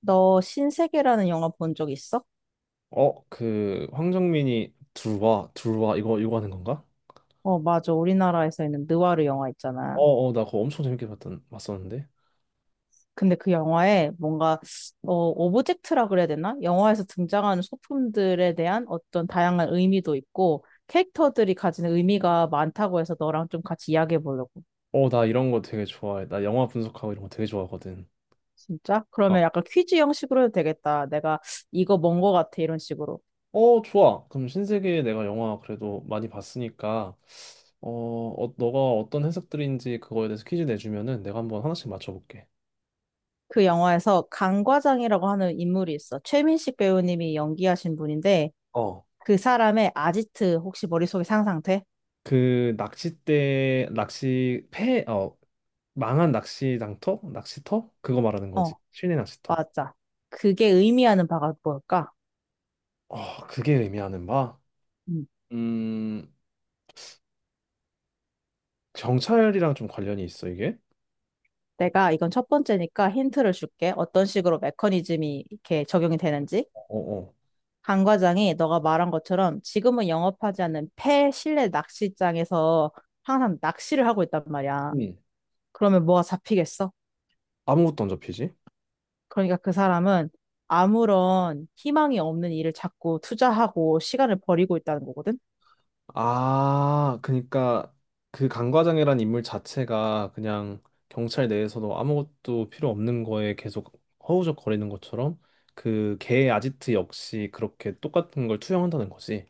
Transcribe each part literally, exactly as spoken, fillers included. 너 신세계라는 영화 본 적 있어? 어, 그 황정민이 둘와 둘와 이거 이거 하는 건가? 어, 맞아. 우리나라에서 있는 느와르 영화 있잖아. 어, 어, 나 그거 엄청 재밌게 봤던 봤었는데. 근데 그 영화에 뭔가, 어, 오브젝트라 그래야 되나? 영화에서 등장하는 소품들에 대한 어떤 다양한 의미도 있고, 캐릭터들이 가지는 의미가 많다고 해서 너랑 좀 같이 이야기해 보려고. 어, 나 이런 거 되게 좋아해. 나 영화 분석하고 이런 거 되게 좋아하거든. 진짜? 어, 그러면 약간 퀴즈 형식으로 해도 되겠다. 내가 이거 뭔 거 같아. 이런 식으로. 어, 좋아. 그럼 신세계 내가 영화 그래도 많이 봤으니까 어, 어 너가 어떤 해석들인지 그거에 대해서 퀴즈 내주면은 내가 한번 하나씩 맞춰볼게. 그 영화에서 강 과장이라고 하는 인물이 있어. 최민식 배우님이 연기하신 분인데, 어. 그 사람의 아지트 혹시 머릿속에 상상돼? 그 낚싯대 낚시 폐 어 망한 낚시 장터 낚시터 그거 말하는 거지. 어, 실내 낚시터. 맞아. 그게 의미하는 바가 뭘까? 어, 그게 의미하는 바? 음. 음. 경찰이랑 좀 관련이 있어, 이게? 내가 이건 첫 번째니까 힌트를 줄게. 어떤 식으로 메커니즘이 이렇게 적용이 되는지. 어, 어. 강 과장이 너가 말한 것처럼 지금은 영업하지 않는 폐실내 낚시장에서 항상 낚시를 하고 있단 말이야. 응. 그러면 뭐가 잡히겠어? 아무것도 안 잡히지. 그러니까 그 사람은 아무런 희망이 없는 일을 자꾸 투자하고 시간을 버리고 있다는 거거든. 아, 그러니까 그 강과장이란 인물 자체가 그냥 경찰 내에서도 아무것도 필요 없는 거에 계속 허우적거리는 것처럼 그 개의 아지트 역시 그렇게 똑같은 걸 투영한다는 거지.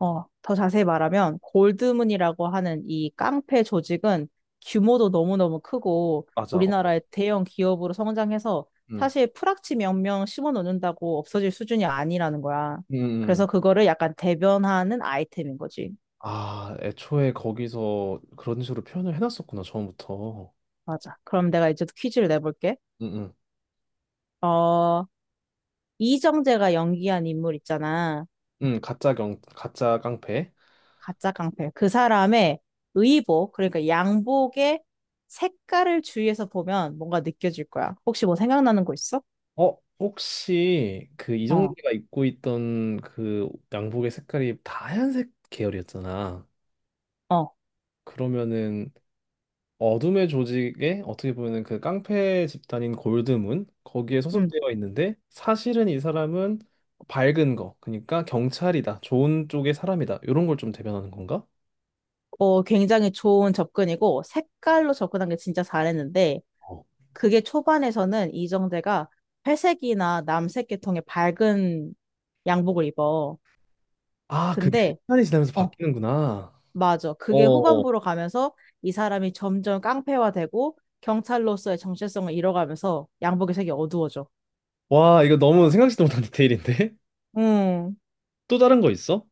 어, 더 자세히 말하면 골드문이라고 하는 이 깡패 조직은 규모도 너무너무 크고 맞아. 어. 우리나라의 대형 기업으로 성장해서 음. 사실 프락치 몇 명 심어 놓는다고 없어질 수준이 아니라는 거야. 음. 그래서 음. 그거를 약간 대변하는 아이템인 거지. 아, 애초에 거기서 그런 식으로 표현을 해놨었구나, 처음부터. 맞아. 그럼 내가 이제 또 퀴즈를 내볼게. 음. 음. 어, 이정재가 연기한 인물 있잖아. 음, 가짜 경, 가짜 깡패. 가짜 깡패. 그 사람의 의복, 그러니까 양복의 색깔을 주위에서 보면 뭔가 느껴질 거야. 혹시 뭐 생각나는 거 있어? 어, 혹시 그 어, 이정재가 입고 있던 그 양복의 색깔이 다 하얀색 계열이었잖아. 어, 그러면은 어둠의 조직에 어떻게 보면은 그 깡패 집단인 골드문 거기에 음. 소속되어 있는데 사실은 이 사람은 밝은 거, 그러니까 경찰이다, 좋은 쪽의 사람이다 이런 걸 좀 대변하는 건가? 어, 굉장히 좋은 접근이고, 색깔로 접근한 게 진짜 잘했는데, 어. 그게 초반에서는 이정재가 회색이나 남색 계통의 밝은 양복을 입어. 아, 그게 근데, 시간이 지나면서 어, 바뀌는구나. 맞아. 그게 어, 후반부로 가면서 이 사람이 점점 깡패화되고, 경찰로서의 정체성을 잃어가면서 양복의 색이 어두워져. 와, 이거 너무 생각지도 못한 디테일인데? 음, 또 다른 거 있어?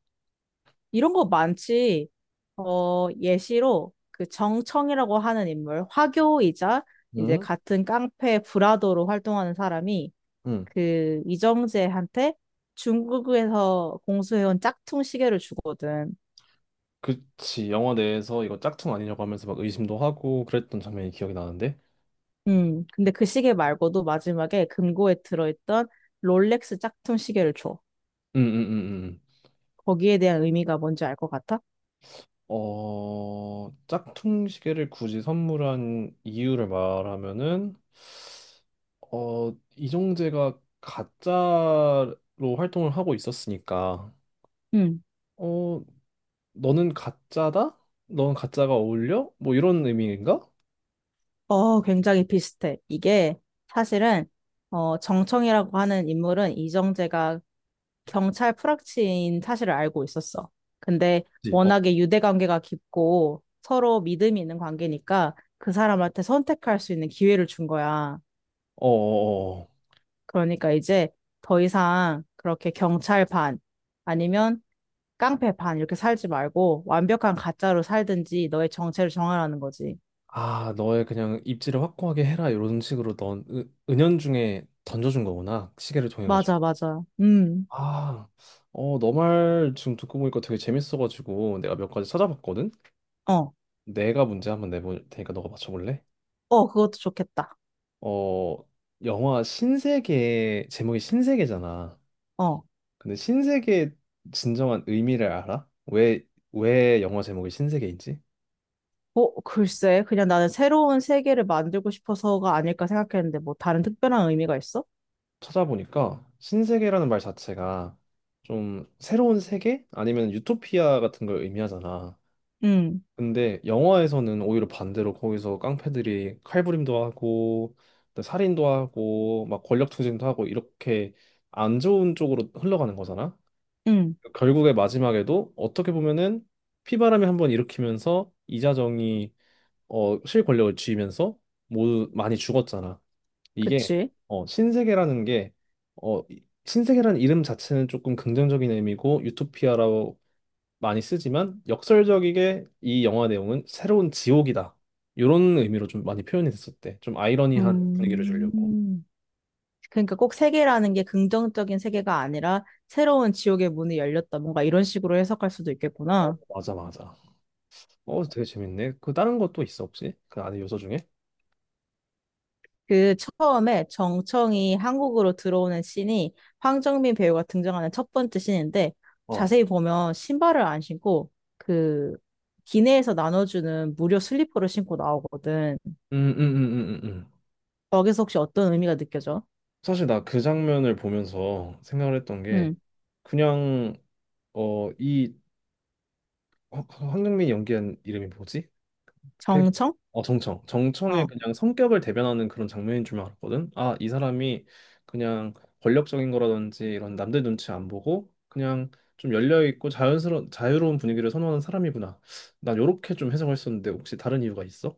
이런 거 많지. 어, 예시로 그 정청이라고 하는 인물, 화교이자 이제 응? 같은 깡패 브라더로 활동하는 사람이 응. 그 이정재한테 중국에서 공수해온 짝퉁 시계를 주거든. 그치, 영화 내에서 이거 짝퉁 아니냐고 하면서 막 의심도 하고 그랬던 장면이 기억이 나는데. 음, 근데 그 시계 말고도 마지막에 금고에 들어있던 롤렉스 짝퉁 시계를 줘. 음음음음. 거기에 대한 의미가 뭔지 알 것 같아? 어, 짝퉁 시계를 굳이 선물한 이유를 말하면은 어 이정재가 가짜로 활동을 하고 있었으니까 응. 어 너는 가짜다? 넌 가짜가 어울려? 뭐 이런 의미인가? 어, 굉장히 비슷해. 이게 사실은 어, 정청이라고 하는 인물은 이정재가 경찰 프락치인 사실을 알고 있었어. 근데 그치? 어, 워낙에 유대 관계가 깊고 서로 믿음이 있는 관계니까 그 사람한테 선택할 수 있는 기회를 준 거야. 어, 어, 그러니까 이제 더 이상 그렇게 경찰 반 아니면 깡패 반 이렇게 살지 말고 완벽한 가짜로 살든지 너의 정체를 정하라는 거지. 아, 너의 그냥 입지를 확고하게 해라 이런 식으로 넌 은- 은연중에 던져준 거구나, 시계를 통해 가지고. 맞아, 맞아. 음. 아, 어, 너 말 지금 듣고 보니까 되게 재밌어가지고 내가 몇 가지 찾아봤거든. 어. 내가 문제 한번 내볼 테니까 너가 맞춰볼래? 어, 그것도 좋겠다. 어, 영화 신세계 제목이 신세계잖아. 어. 근데 신세계의 진정한 의미를 알아? 왜 왜 영화 제목이 신세계인지? 어, 글쎄, 그냥 나는 새로운 세계를 만들고 싶어서가 아닐까 생각했는데, 뭐, 다른 특별한 의미가 있어? 찾아보니까 신세계라는 말 자체가 좀 새로운 세계? 아니면 유토피아 같은 걸 의미하잖아. 응, 근데 영화에서는 오히려 반대로 거기서 깡패들이 칼부림도 하고 또 살인도 하고 막 권력투쟁도 하고 이렇게 안 좋은 쪽으로 흘러가는 거잖아. 응, 결국에 마지막에도 어떻게 보면은 피바람이 한번 일으키면서 이자정이, 어, 실권력을 쥐면서 모두 많이 죽었잖아. 이게 그치. 어, 신세계라는 게 어, 이- 신세계라는 이름 자체는 조금 긍정적인 의미고 유토피아라고 많이 쓰지만, 역설적이게 이 영화 내용은 새로운 지옥이다. 이런 의미로 좀 많이 표현이 됐었대. 좀 아이러니한 분위기를 주려고. 음. 그러니까 꼭 세계라는 게 긍정적인 세계가 아니라, 새로운 지옥의 문이 열렸다. 뭔가 이런 식으로 해석할 수도 어, 있겠구나. 맞아, 맞아. 어, 되게 재밌네. 그 다른 것도 있어, 혹시? 그 안에 요소 중에? 그 처음에 정청이 한국으로 들어오는 씬이 황정민 배우가 등장하는 첫 번째 씬인데 어. 자세히 보면 신발을 안 신고 그 기내에서 나눠주는 무료 슬리퍼를 신고 나오거든. 음, 음, 음, 음, 음. 음. 거기서 혹시 어떤 의미가 느껴져? 사실 나 그 장면을 보면서 생각을 했던 게 음, 그냥 어, 이 황- 황정민이 연기한 이름이 뭐지? 그- 정청? 어, 정청. 정청의 어. 그냥 성격을 대변하는 그런 장면인 줄만 알았거든. 아, 이 사람이 그냥 권력적인 거라든지 이런 남들 눈치 안 보고 그냥 좀 열려 있고 자연스러운 자유로운 분위기를 선호하는 사람이구나. 난 요렇게 좀 해석했었는데 혹시 다른 이유가 있어?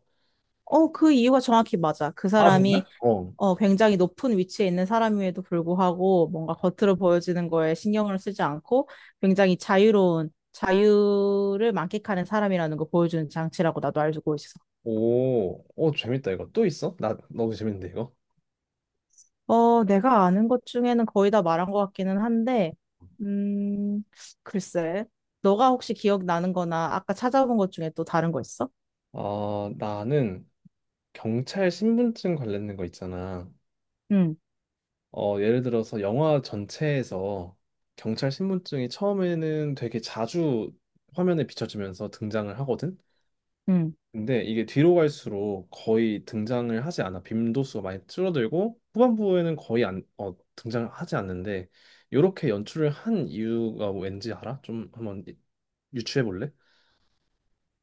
어, 그 이유가 정확히 맞아. 그 아, 사람이 정말? 어. 어, 굉장히 높은 위치에 있는 사람임에도 불구하고 뭔가 겉으로 보여지는 거에 신경을 쓰지 않고 굉장히 자유로운 자유를 만끽하는 사람이라는 걸 보여주는 장치라고 나도 알고 있어. 오, 오, 재밌다 이거. 또 있어? 나 너무 재밌는데 이거. 어, 내가 아는 것 중에는 거의 다 말한 것 같기는 한데, 음, 글쎄, 너가 혹시 기억나는 거나 아까 찾아본 것 중에 또 다른 거 있어? 아, 나는 경찰 신분증 관련된 거 있잖아. 응, 어, 예를 들어서 영화 전체에서 경찰 신분증이 처음에는 되게 자주 화면에 비춰지면서 등장을 하거든. 응. 근데 이게 뒤로 갈수록 거의 등장을 하지 않아. 빈도수가 많이 줄어들고 후반부에는 거의 안, 어, 등장을 하지 않는데, 이렇게 연출을 한 이유가 왠지 알아? 좀 한번 유추해 볼래?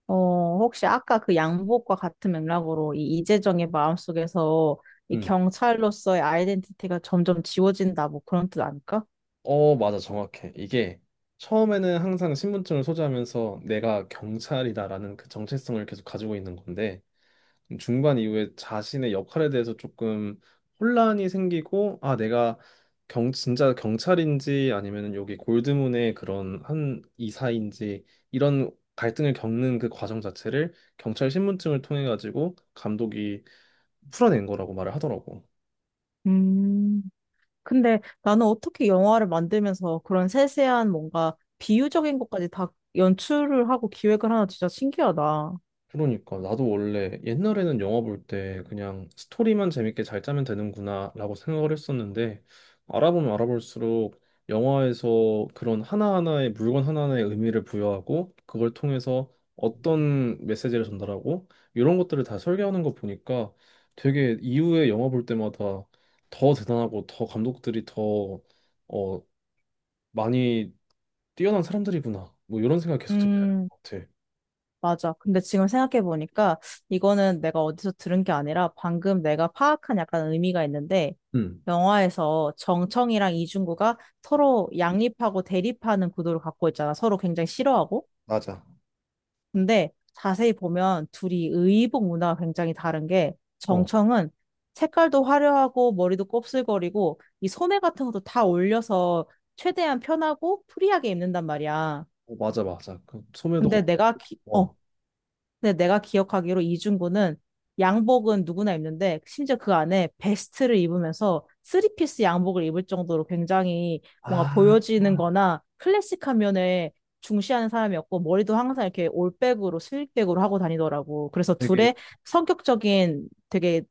어, 혹시 아까 그 양복과 같은 맥락으로 이 이재정의 마음속에서 이 응. 경찰로서의 아이덴티티가 점점 지워진다, 뭐 그런 뜻 아닐까? 어, 맞아. 정확해. 이게 처음에는 항상 신분증을 소지하면서 내가 경찰이다라는 그 정체성을 계속 가지고 있는 건데, 중반 이후에 자신의 역할에 대해서 조금 혼란이 생기고 아 내가 경 진짜 경찰인지 아니면 여기 골드문의 그런 한 이사인지 이런 갈등을 겪는 그 과정 자체를 경찰 신분증을 통해 가지고 감독이 풀어낸 거라고 말을 하더라고. 음, 근데 나는 어떻게 영화를 만들면서 그런 세세한 뭔가 비유적인 것까지 다 연출을 하고 기획을 하나 진짜 신기하다. 그러니까 나도 원래 옛날에는 영화 볼 때 그냥 스토리만 재밌게 잘 짜면 되는구나라고 생각을 했었는데, 알아보면 알아볼수록 영화에서 그런 하나하나의 물건 하나하나의 의미를 부여하고 그걸 통해서 어떤 메시지를 전달하고 이런 것들을 다 설계하는 거 보니까, 되게 이후에 영화 볼 때마다 더 대단하고 더 감독들이 더 어, 많이 뛰어난 사람들이구나 뭐 이런 생각 계속 들것 음. 같아. 맞아. 근데 지금 생각해보니까 이거는 내가 어디서 들은 게 아니라 방금 내가 파악한 약간 의미가 있는데 음. 영화에서 정청이랑 이중구가 서로 양립하고 대립하는 구도를 갖고 있잖아. 서로 굉장히 싫어하고. 맞아. 근데 자세히 보면 둘이 의복 문화가 굉장히 다른 게 정청은 색깔도 화려하고 머리도 곱슬거리고 이 소매 같은 것도 다 올려서 최대한 편하고 프리하게 입는단 말이야. 어, 맞아 맞아 그 소매도 근데 내가 기- 어, 걷고. 근데 내가 기억하기로 이중구는 양복은 누구나 입는데 심지어 그 안에 베스트를 입으면서 쓰리피스 양복을 입을 정도로 굉장히 뭔가 아 보여지는 거나 클래식한 면에 중시하는 사람이었고 머리도 항상 이렇게 올백으로 슬릭백으로 하고 다니더라고. 그래서 되게 둘의 성격적인 되게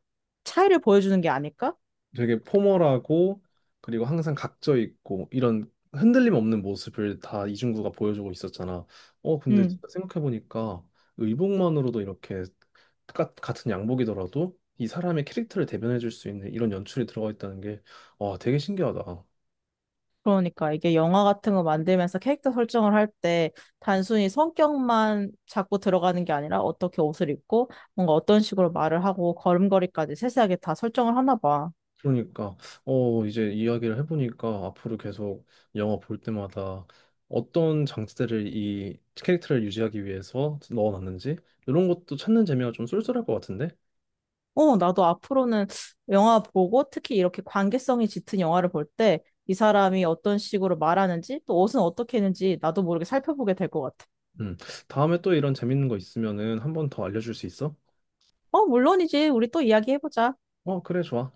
차이를 보여주는 게 아닐까? 되게 포멀하고 그리고 항상 각져 있고 뭐 이런 흔들림 없는 모습을 다 이중구가 보여주고 있었잖아. 어 근데 음. 진짜 생각해보니까 의복만으로도 이렇게 똑같- 같은 양복이더라도 이 사람의 캐릭터를 대변해줄 수 있는 이런 연출이 들어가 있다는 게 와 되게 신기하다. 그러니까 이게 영화 같은 거 만들면서 캐릭터 설정을 할 때 단순히 성격만 자꾸 들어가는 게 아니라 어떻게 옷을 입고 뭔가 어떤 식으로 말을 하고 걸음걸이까지 세세하게 다 설정을 하나 봐. 그러니까 어 이제 이야기를 해보니까 앞으로 계속 영화 볼 때마다 어떤 장치들을 이 캐릭터를 유지하기 위해서 넣어놨는지 이런 것도 찾는 재미가 좀 쏠쏠할 것 같은데. 어, 나도 앞으로는 영화 보고 특히 이렇게 관계성이 짙은 영화를 볼 때 이 사람이 어떤 식으로 말하는지 또 옷은 어떻게 했는지 나도 모르게 살펴보게 될 것 같아. 음. 다음에 또 이런 재밌는 거 있으면은 한 번 더 알려줄 수 있어? 어, 물론이지. 우리 또 이야기해보자. 어, 그래, 좋아.